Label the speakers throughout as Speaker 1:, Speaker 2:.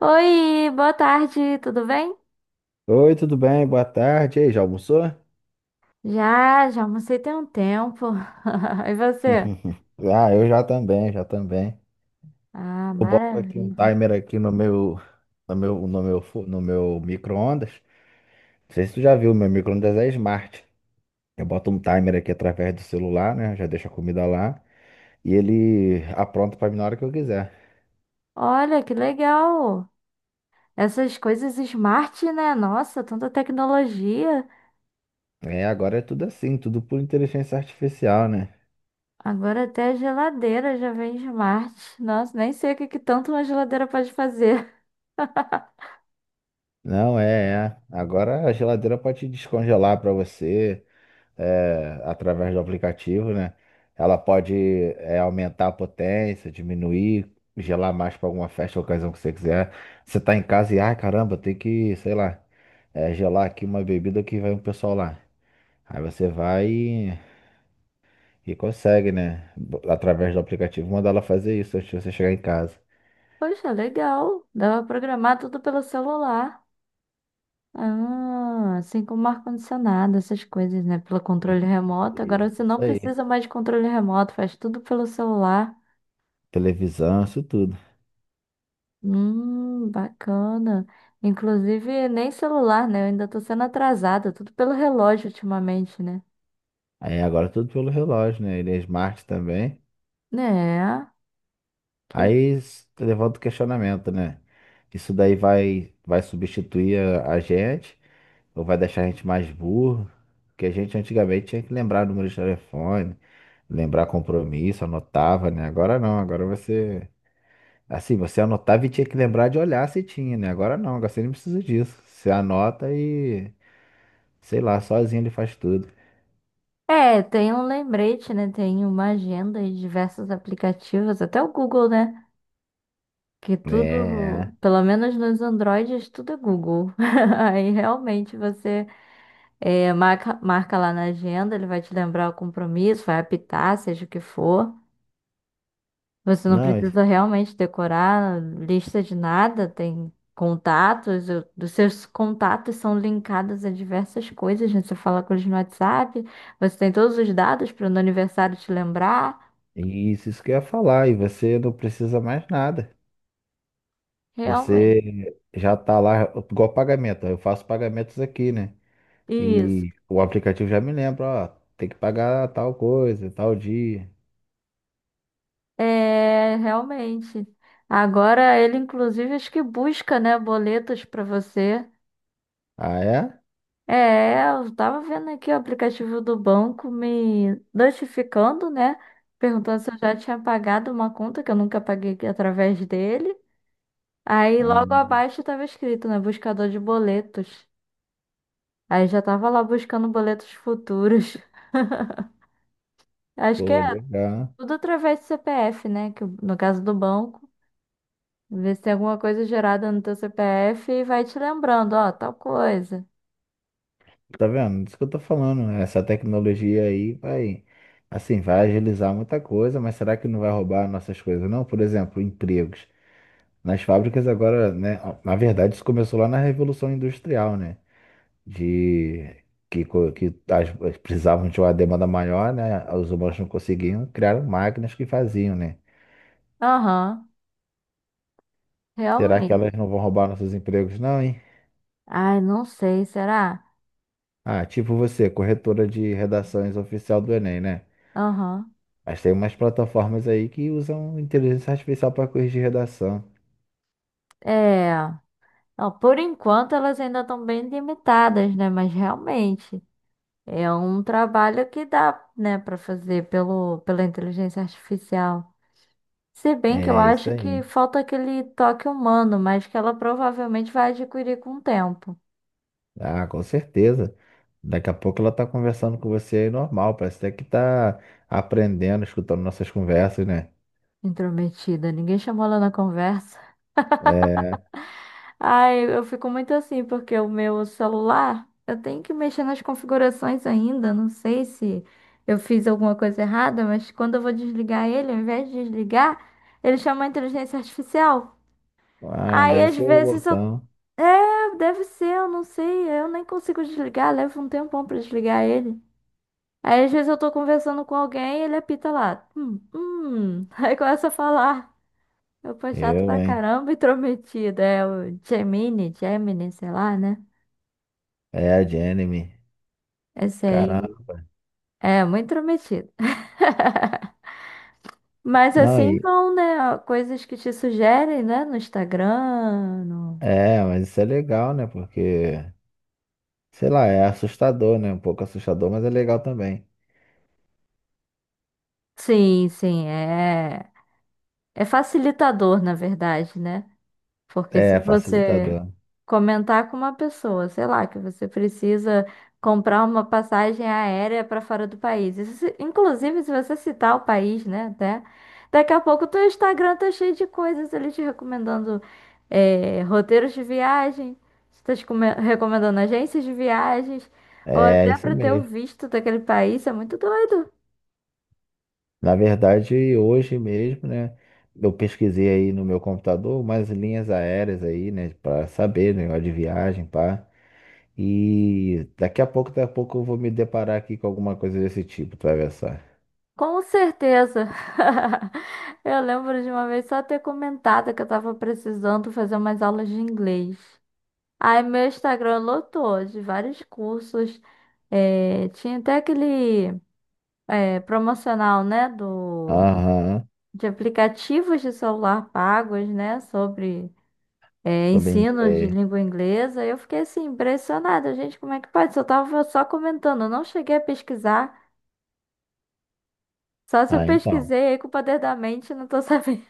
Speaker 1: Oi, boa tarde, tudo bem?
Speaker 2: Oi, tudo bem? Boa tarde. E aí, já almoçou?
Speaker 1: Já almocei tem um tempo. E você?
Speaker 2: Ah, eu já também, já também.
Speaker 1: Ah,
Speaker 2: Eu boto aqui um
Speaker 1: maravilha.
Speaker 2: timer aqui no meu, no meu, no meu, fu- no meu micro-ondas. Não sei se tu já viu, meu micro-ondas é smart. Eu boto um timer aqui através do celular, né? Já deixo a comida lá e ele apronta pra mim na hora que eu quiser.
Speaker 1: Olha, que legal. Essas coisas smart, né? Nossa, tanta tecnologia.
Speaker 2: É, agora é tudo assim, tudo por inteligência artificial, né?
Speaker 1: Agora até a geladeira já vem smart. Nossa, nem sei o que que tanto uma geladeira pode fazer.
Speaker 2: Não, é, é. Agora a geladeira pode descongelar pra você. Através do aplicativo, né? Ela pode aumentar a potência, diminuir, gelar mais para alguma festa, ocasião que você quiser. Você tá em casa e, ai caramba, tem que, sei lá, gelar aqui uma bebida que vai um pessoal lá. Aí você vai e consegue, né? Através do aplicativo, mandar ela fazer isso antes de você chegar em casa.
Speaker 1: Poxa, legal. Dá pra programar tudo pelo celular. Ah, assim como ar-condicionado, essas coisas, né? Pelo controle
Speaker 2: Isso,
Speaker 1: remoto. Agora você
Speaker 2: isso,
Speaker 1: não
Speaker 2: isso aí.
Speaker 1: precisa mais de controle remoto, faz tudo pelo celular.
Speaker 2: Televisão, isso tudo.
Speaker 1: Bacana. Inclusive, nem celular, né? Eu ainda tô sendo atrasada, tudo pelo relógio ultimamente, né?
Speaker 2: Aí agora tudo pelo relógio, né? Ele é smart também.
Speaker 1: Né? Que...
Speaker 2: Levanta o questionamento, né? Isso daí vai, vai substituir a gente ou vai deixar a gente mais burro? Porque a gente antigamente tinha que lembrar o número de telefone, lembrar compromisso, anotava, né? Agora não, agora você. Assim, você anotava e tinha que lembrar de olhar se tinha, né? Agora não, agora você não precisa disso. Você anota e, sei lá, sozinho ele faz tudo.
Speaker 1: É, tem um lembrete, né? Tem uma agenda e diversos aplicativos, até o Google, né? Que
Speaker 2: É,
Speaker 1: tudo,
Speaker 2: é.
Speaker 1: pelo menos nos Androids, tudo é Google. Aí realmente você. É, marca lá na agenda, ele vai te lembrar o compromisso, vai apitar, seja o que for. Você não
Speaker 2: Não,
Speaker 1: precisa realmente decorar lista de nada, tem contatos, os seus contatos são linkados a diversas coisas, né? Você fala com eles no WhatsApp, você tem todos os dados para no aniversário te lembrar.
Speaker 2: isso que eu ia falar, e você não precisa mais nada.
Speaker 1: Realmente.
Speaker 2: Você já tá lá, igual pagamento. Eu faço pagamentos aqui, né?
Speaker 1: Isso.
Speaker 2: E o aplicativo já me lembra, ó, tem que pagar tal coisa, tal dia.
Speaker 1: É, realmente. Agora ele, inclusive, acho que busca, né, boletos para você.
Speaker 2: Ah, é?
Speaker 1: É, eu tava vendo aqui o aplicativo do banco me notificando, né? Perguntando se eu já tinha pagado uma conta que eu nunca paguei através dele. Aí
Speaker 2: Ah,
Speaker 1: logo abaixo tava escrito, né? Buscador de boletos. Aí já tava lá buscando boletos futuros. Acho que
Speaker 2: pô,
Speaker 1: é
Speaker 2: legal.
Speaker 1: tudo através do CPF, né? Que no caso do banco, vê se tem alguma coisa gerada no teu CPF e vai te lembrando, ó, tal coisa.
Speaker 2: Tá vendo? Isso que eu tô falando, né? Essa tecnologia aí vai, assim, vai agilizar muita coisa, mas será que não vai roubar nossas coisas, não? Por exemplo, empregos. Nas fábricas agora, né? Na verdade, isso começou lá na Revolução Industrial, né? De que, que as precisavam de uma demanda maior, né? Os humanos não conseguiam, criaram máquinas que faziam, né?
Speaker 1: Aham,
Speaker 2: Será que elas
Speaker 1: realmente.
Speaker 2: não vão roubar nossos empregos, não, hein?
Speaker 1: Ai, não sei, será?
Speaker 2: Ah, tipo você, corretora de redações oficial do Enem, né?
Speaker 1: Aham.
Speaker 2: Mas tem umas plataformas aí que usam inteligência artificial para corrigir redação.
Speaker 1: É, ó, por enquanto elas ainda estão bem limitadas, né? Mas realmente é um trabalho que dá, né, para fazer pela inteligência artificial. Se bem que eu
Speaker 2: É isso
Speaker 1: acho que
Speaker 2: aí.
Speaker 1: falta aquele toque humano, mas que ela provavelmente vai adquirir com o tempo.
Speaker 2: Ah, com certeza. Daqui a pouco ela tá conversando com você aí normal, parece até que tá aprendendo, escutando nossas conversas, né?
Speaker 1: Intrometida, ninguém chamou ela na conversa.
Speaker 2: É.
Speaker 1: Ai, eu fico muito assim, porque o meu celular, eu tenho que mexer nas configurações ainda. Não sei se eu fiz alguma coisa errada, mas quando eu vou desligar ele, ao invés de desligar, ele chama a inteligência artificial.
Speaker 2: Ah,
Speaker 1: Aí
Speaker 2: deve
Speaker 1: às
Speaker 2: ser o
Speaker 1: vezes eu.
Speaker 2: botão.
Speaker 1: É, deve ser, eu não sei. Eu nem consigo desligar, leva um tempão pra desligar ele. Aí às vezes eu tô conversando com alguém e ele apita lá. Aí começa a falar. Eu fui chato
Speaker 2: Eu,
Speaker 1: pra
Speaker 2: hein?
Speaker 1: caramba, intrometida. É o Gemini, sei lá, né?
Speaker 2: É a de anime.
Speaker 1: Esse aí
Speaker 2: Caramba.
Speaker 1: é muito intrometido. Mas
Speaker 2: Não,
Speaker 1: assim
Speaker 2: e...
Speaker 1: vão, né? Coisas que te sugerem, né? No Instagram.
Speaker 2: É, mas isso é legal, né? Porque, sei lá, é assustador, né? Um pouco assustador, mas é legal também.
Speaker 1: Sim, sim, é. É facilitador, na verdade, né? Porque se
Speaker 2: É,
Speaker 1: você
Speaker 2: facilitador.
Speaker 1: comentar com uma pessoa, sei lá, que você precisa comprar uma passagem aérea para fora do país. Inclusive, se você citar o país, né, até, daqui a pouco o teu Instagram tá cheio de coisas ali te recomendando roteiros de viagem, você tá recomendando agências de viagens, ou
Speaker 2: É,
Speaker 1: até
Speaker 2: isso
Speaker 1: para ter o
Speaker 2: mesmo.
Speaker 1: visto daquele país, isso é muito doido.
Speaker 2: Na verdade, hoje mesmo, né? Eu pesquisei aí no meu computador umas linhas aéreas aí, né? Pra saber, né? De viagem, pá. E daqui a pouco eu vou me deparar aqui com alguma coisa desse tipo, tu vai ver só.
Speaker 1: Com certeza. Eu lembro de uma vez só ter comentado que eu tava precisando fazer umas aulas de inglês. Aí meu Instagram lotou de vários cursos. É, tinha até aquele promocional, né, do,
Speaker 2: Aham,
Speaker 1: de aplicativos de celular pagos, né, sobre
Speaker 2: tô bem,
Speaker 1: ensino de
Speaker 2: é.
Speaker 1: língua inglesa. Eu fiquei assim, impressionada. Gente, como é que pode? Eu tava só comentando, eu não cheguei a pesquisar. Só se eu
Speaker 2: Ah, então.
Speaker 1: pesquisei aí com o poder da mente, não tô sabendo.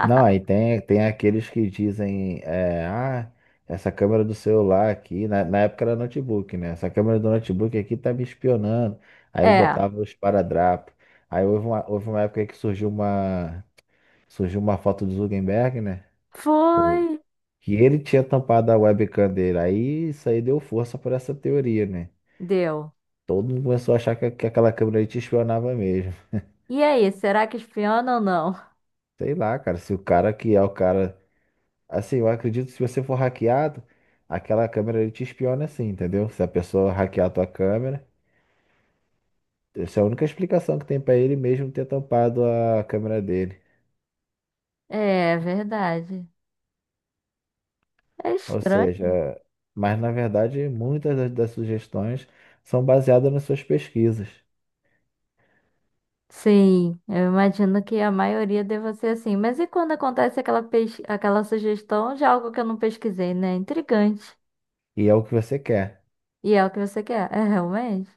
Speaker 2: Não, aí tem, tem aqueles que dizem, é, ah, essa câmera do celular aqui, na época era notebook, né? Essa câmera do notebook aqui tá me espionando. Aí
Speaker 1: É,
Speaker 2: botava os esparadrapo. Aí houve uma época que surgiu uma foto do Zuckerberg, né?
Speaker 1: foi,
Speaker 2: O, que ele tinha tampado a webcam dele. Aí isso aí deu força para essa teoria, né?
Speaker 1: deu.
Speaker 2: Todo mundo começou a achar que aquela câmera aí te espionava mesmo.
Speaker 1: E aí, será que espiona ou não?
Speaker 2: Sei lá, cara, se o cara que é o cara. Assim, eu acredito que se você for hackeado, aquela câmera ele te espiona assim, entendeu? Se a pessoa hackear a tua câmera, essa é a única explicação que tem pra ele mesmo ter tampado a câmera dele.
Speaker 1: É, verdade. É
Speaker 2: Ou
Speaker 1: estranho.
Speaker 2: seja, mas na verdade muitas das sugestões são baseadas nas suas pesquisas.
Speaker 1: Sim, eu imagino que a maioria deva ser assim. Mas e quando acontece aquela, aquela sugestão de algo que eu não pesquisei, né? Intrigante.
Speaker 2: E é o que você quer,
Speaker 1: E é o que você quer? É realmente?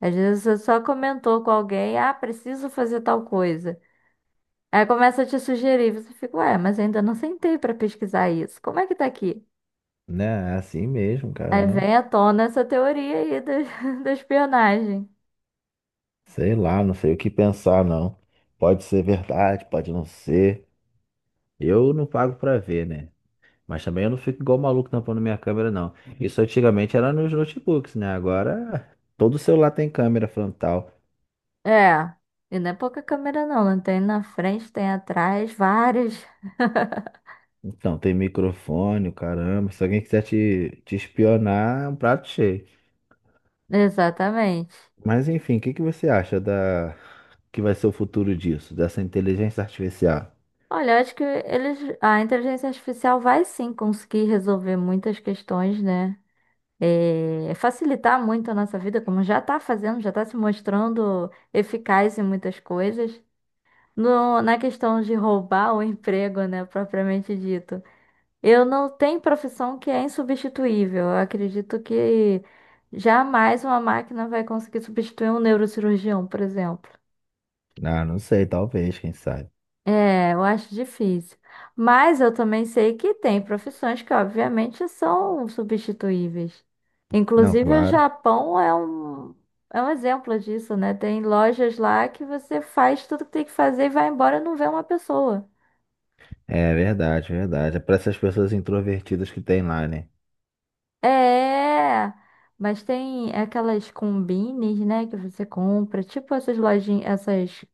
Speaker 1: Às vezes você só comentou com alguém, ah, preciso fazer tal coisa. Aí começa a te sugerir, você fica, ué, mas eu ainda não sentei para pesquisar isso. Como é que tá aqui?
Speaker 2: né? É assim mesmo,
Speaker 1: Aí
Speaker 2: caramba.
Speaker 1: vem à tona essa teoria aí da, da espionagem.
Speaker 2: Sei lá, não sei o que pensar, não. Pode ser verdade, pode não ser. Eu não pago pra ver, né? Mas também eu não fico igual maluco tampando minha câmera, não. Isso antigamente era nos notebooks, né? Agora todo celular tem câmera frontal.
Speaker 1: É. E não é pouca câmera, não. Não tem na frente, tem atrás, várias.
Speaker 2: Então, tem microfone, o caramba. Se alguém quiser te espionar, é um prato cheio.
Speaker 1: Exatamente.
Speaker 2: Mas enfim, o que que você acha da que vai ser o futuro disso, dessa inteligência artificial?
Speaker 1: Olha, acho que eles, a inteligência artificial vai sim conseguir resolver muitas questões, né? É, facilitar muito a nossa vida, como já está fazendo, já está se mostrando eficaz em muitas coisas. Na questão de roubar o emprego, né, propriamente dito. Eu não tenho profissão que é insubstituível. Eu acredito que jamais uma máquina vai conseguir substituir um neurocirurgião, por exemplo.
Speaker 2: Ah, não sei, talvez, quem sabe.
Speaker 1: É, eu acho difícil. Mas eu também sei que tem profissões que, obviamente, são substituíveis.
Speaker 2: Não,
Speaker 1: Inclusive, o
Speaker 2: claro.
Speaker 1: É um exemplo disso, né? Tem lojas lá que você faz tudo que tem que fazer e vai embora e não vê uma pessoa.
Speaker 2: É verdade, verdade. É para essas pessoas introvertidas que tem lá, né?
Speaker 1: É, mas tem aquelas combines, né, que você compra, tipo essas lojinhas, essas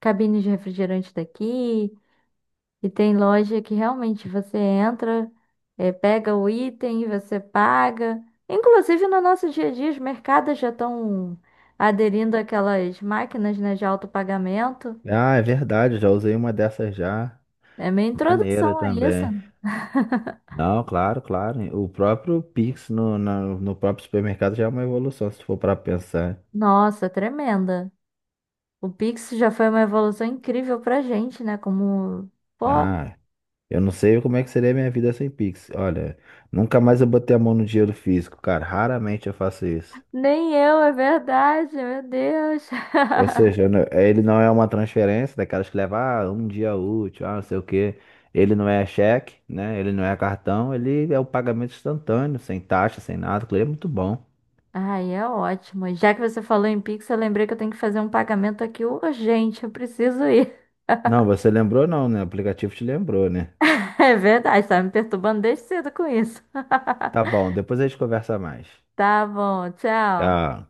Speaker 1: cabines de refrigerante daqui. E tem loja que realmente você entra, pega o item, você paga. Inclusive no nosso dia a dia, os mercados já estão aderindo àquelas máquinas, né, de autopagamento.
Speaker 2: Ah, é verdade, já usei uma dessas já.
Speaker 1: É minha
Speaker 2: Maneira
Speaker 1: introdução a isso.
Speaker 2: também. Não, claro, claro. O próprio Pix no próprio supermercado já é uma evolução, se for para pensar.
Speaker 1: Nossa, tremenda. O Pix já foi uma evolução incrível pra gente, né? Como, pô,
Speaker 2: Ah, eu não sei como é que seria a minha vida sem Pix. Olha, nunca mais eu botei a mão no dinheiro físico, cara. Raramente eu faço isso.
Speaker 1: nem eu, é verdade, meu Deus.
Speaker 2: Ou seja, eu ele não é uma transferência daquelas que leva um dia útil, ah, não sei o quê. Ele não é cheque, né? Ele não é cartão, ele é o pagamento instantâneo, sem taxa, sem nada. Aquilo é muito bom.
Speaker 1: Ai, é ótimo. Já que você falou em Pix, eu lembrei que eu tenho que fazer um pagamento aqui urgente. Eu preciso ir.
Speaker 2: Não, você lembrou não, né? O aplicativo te lembrou, né?
Speaker 1: É verdade, tá me perturbando desde cedo com isso.
Speaker 2: Tá bom, depois a gente conversa mais.
Speaker 1: Tá bom, tchau.
Speaker 2: Ah,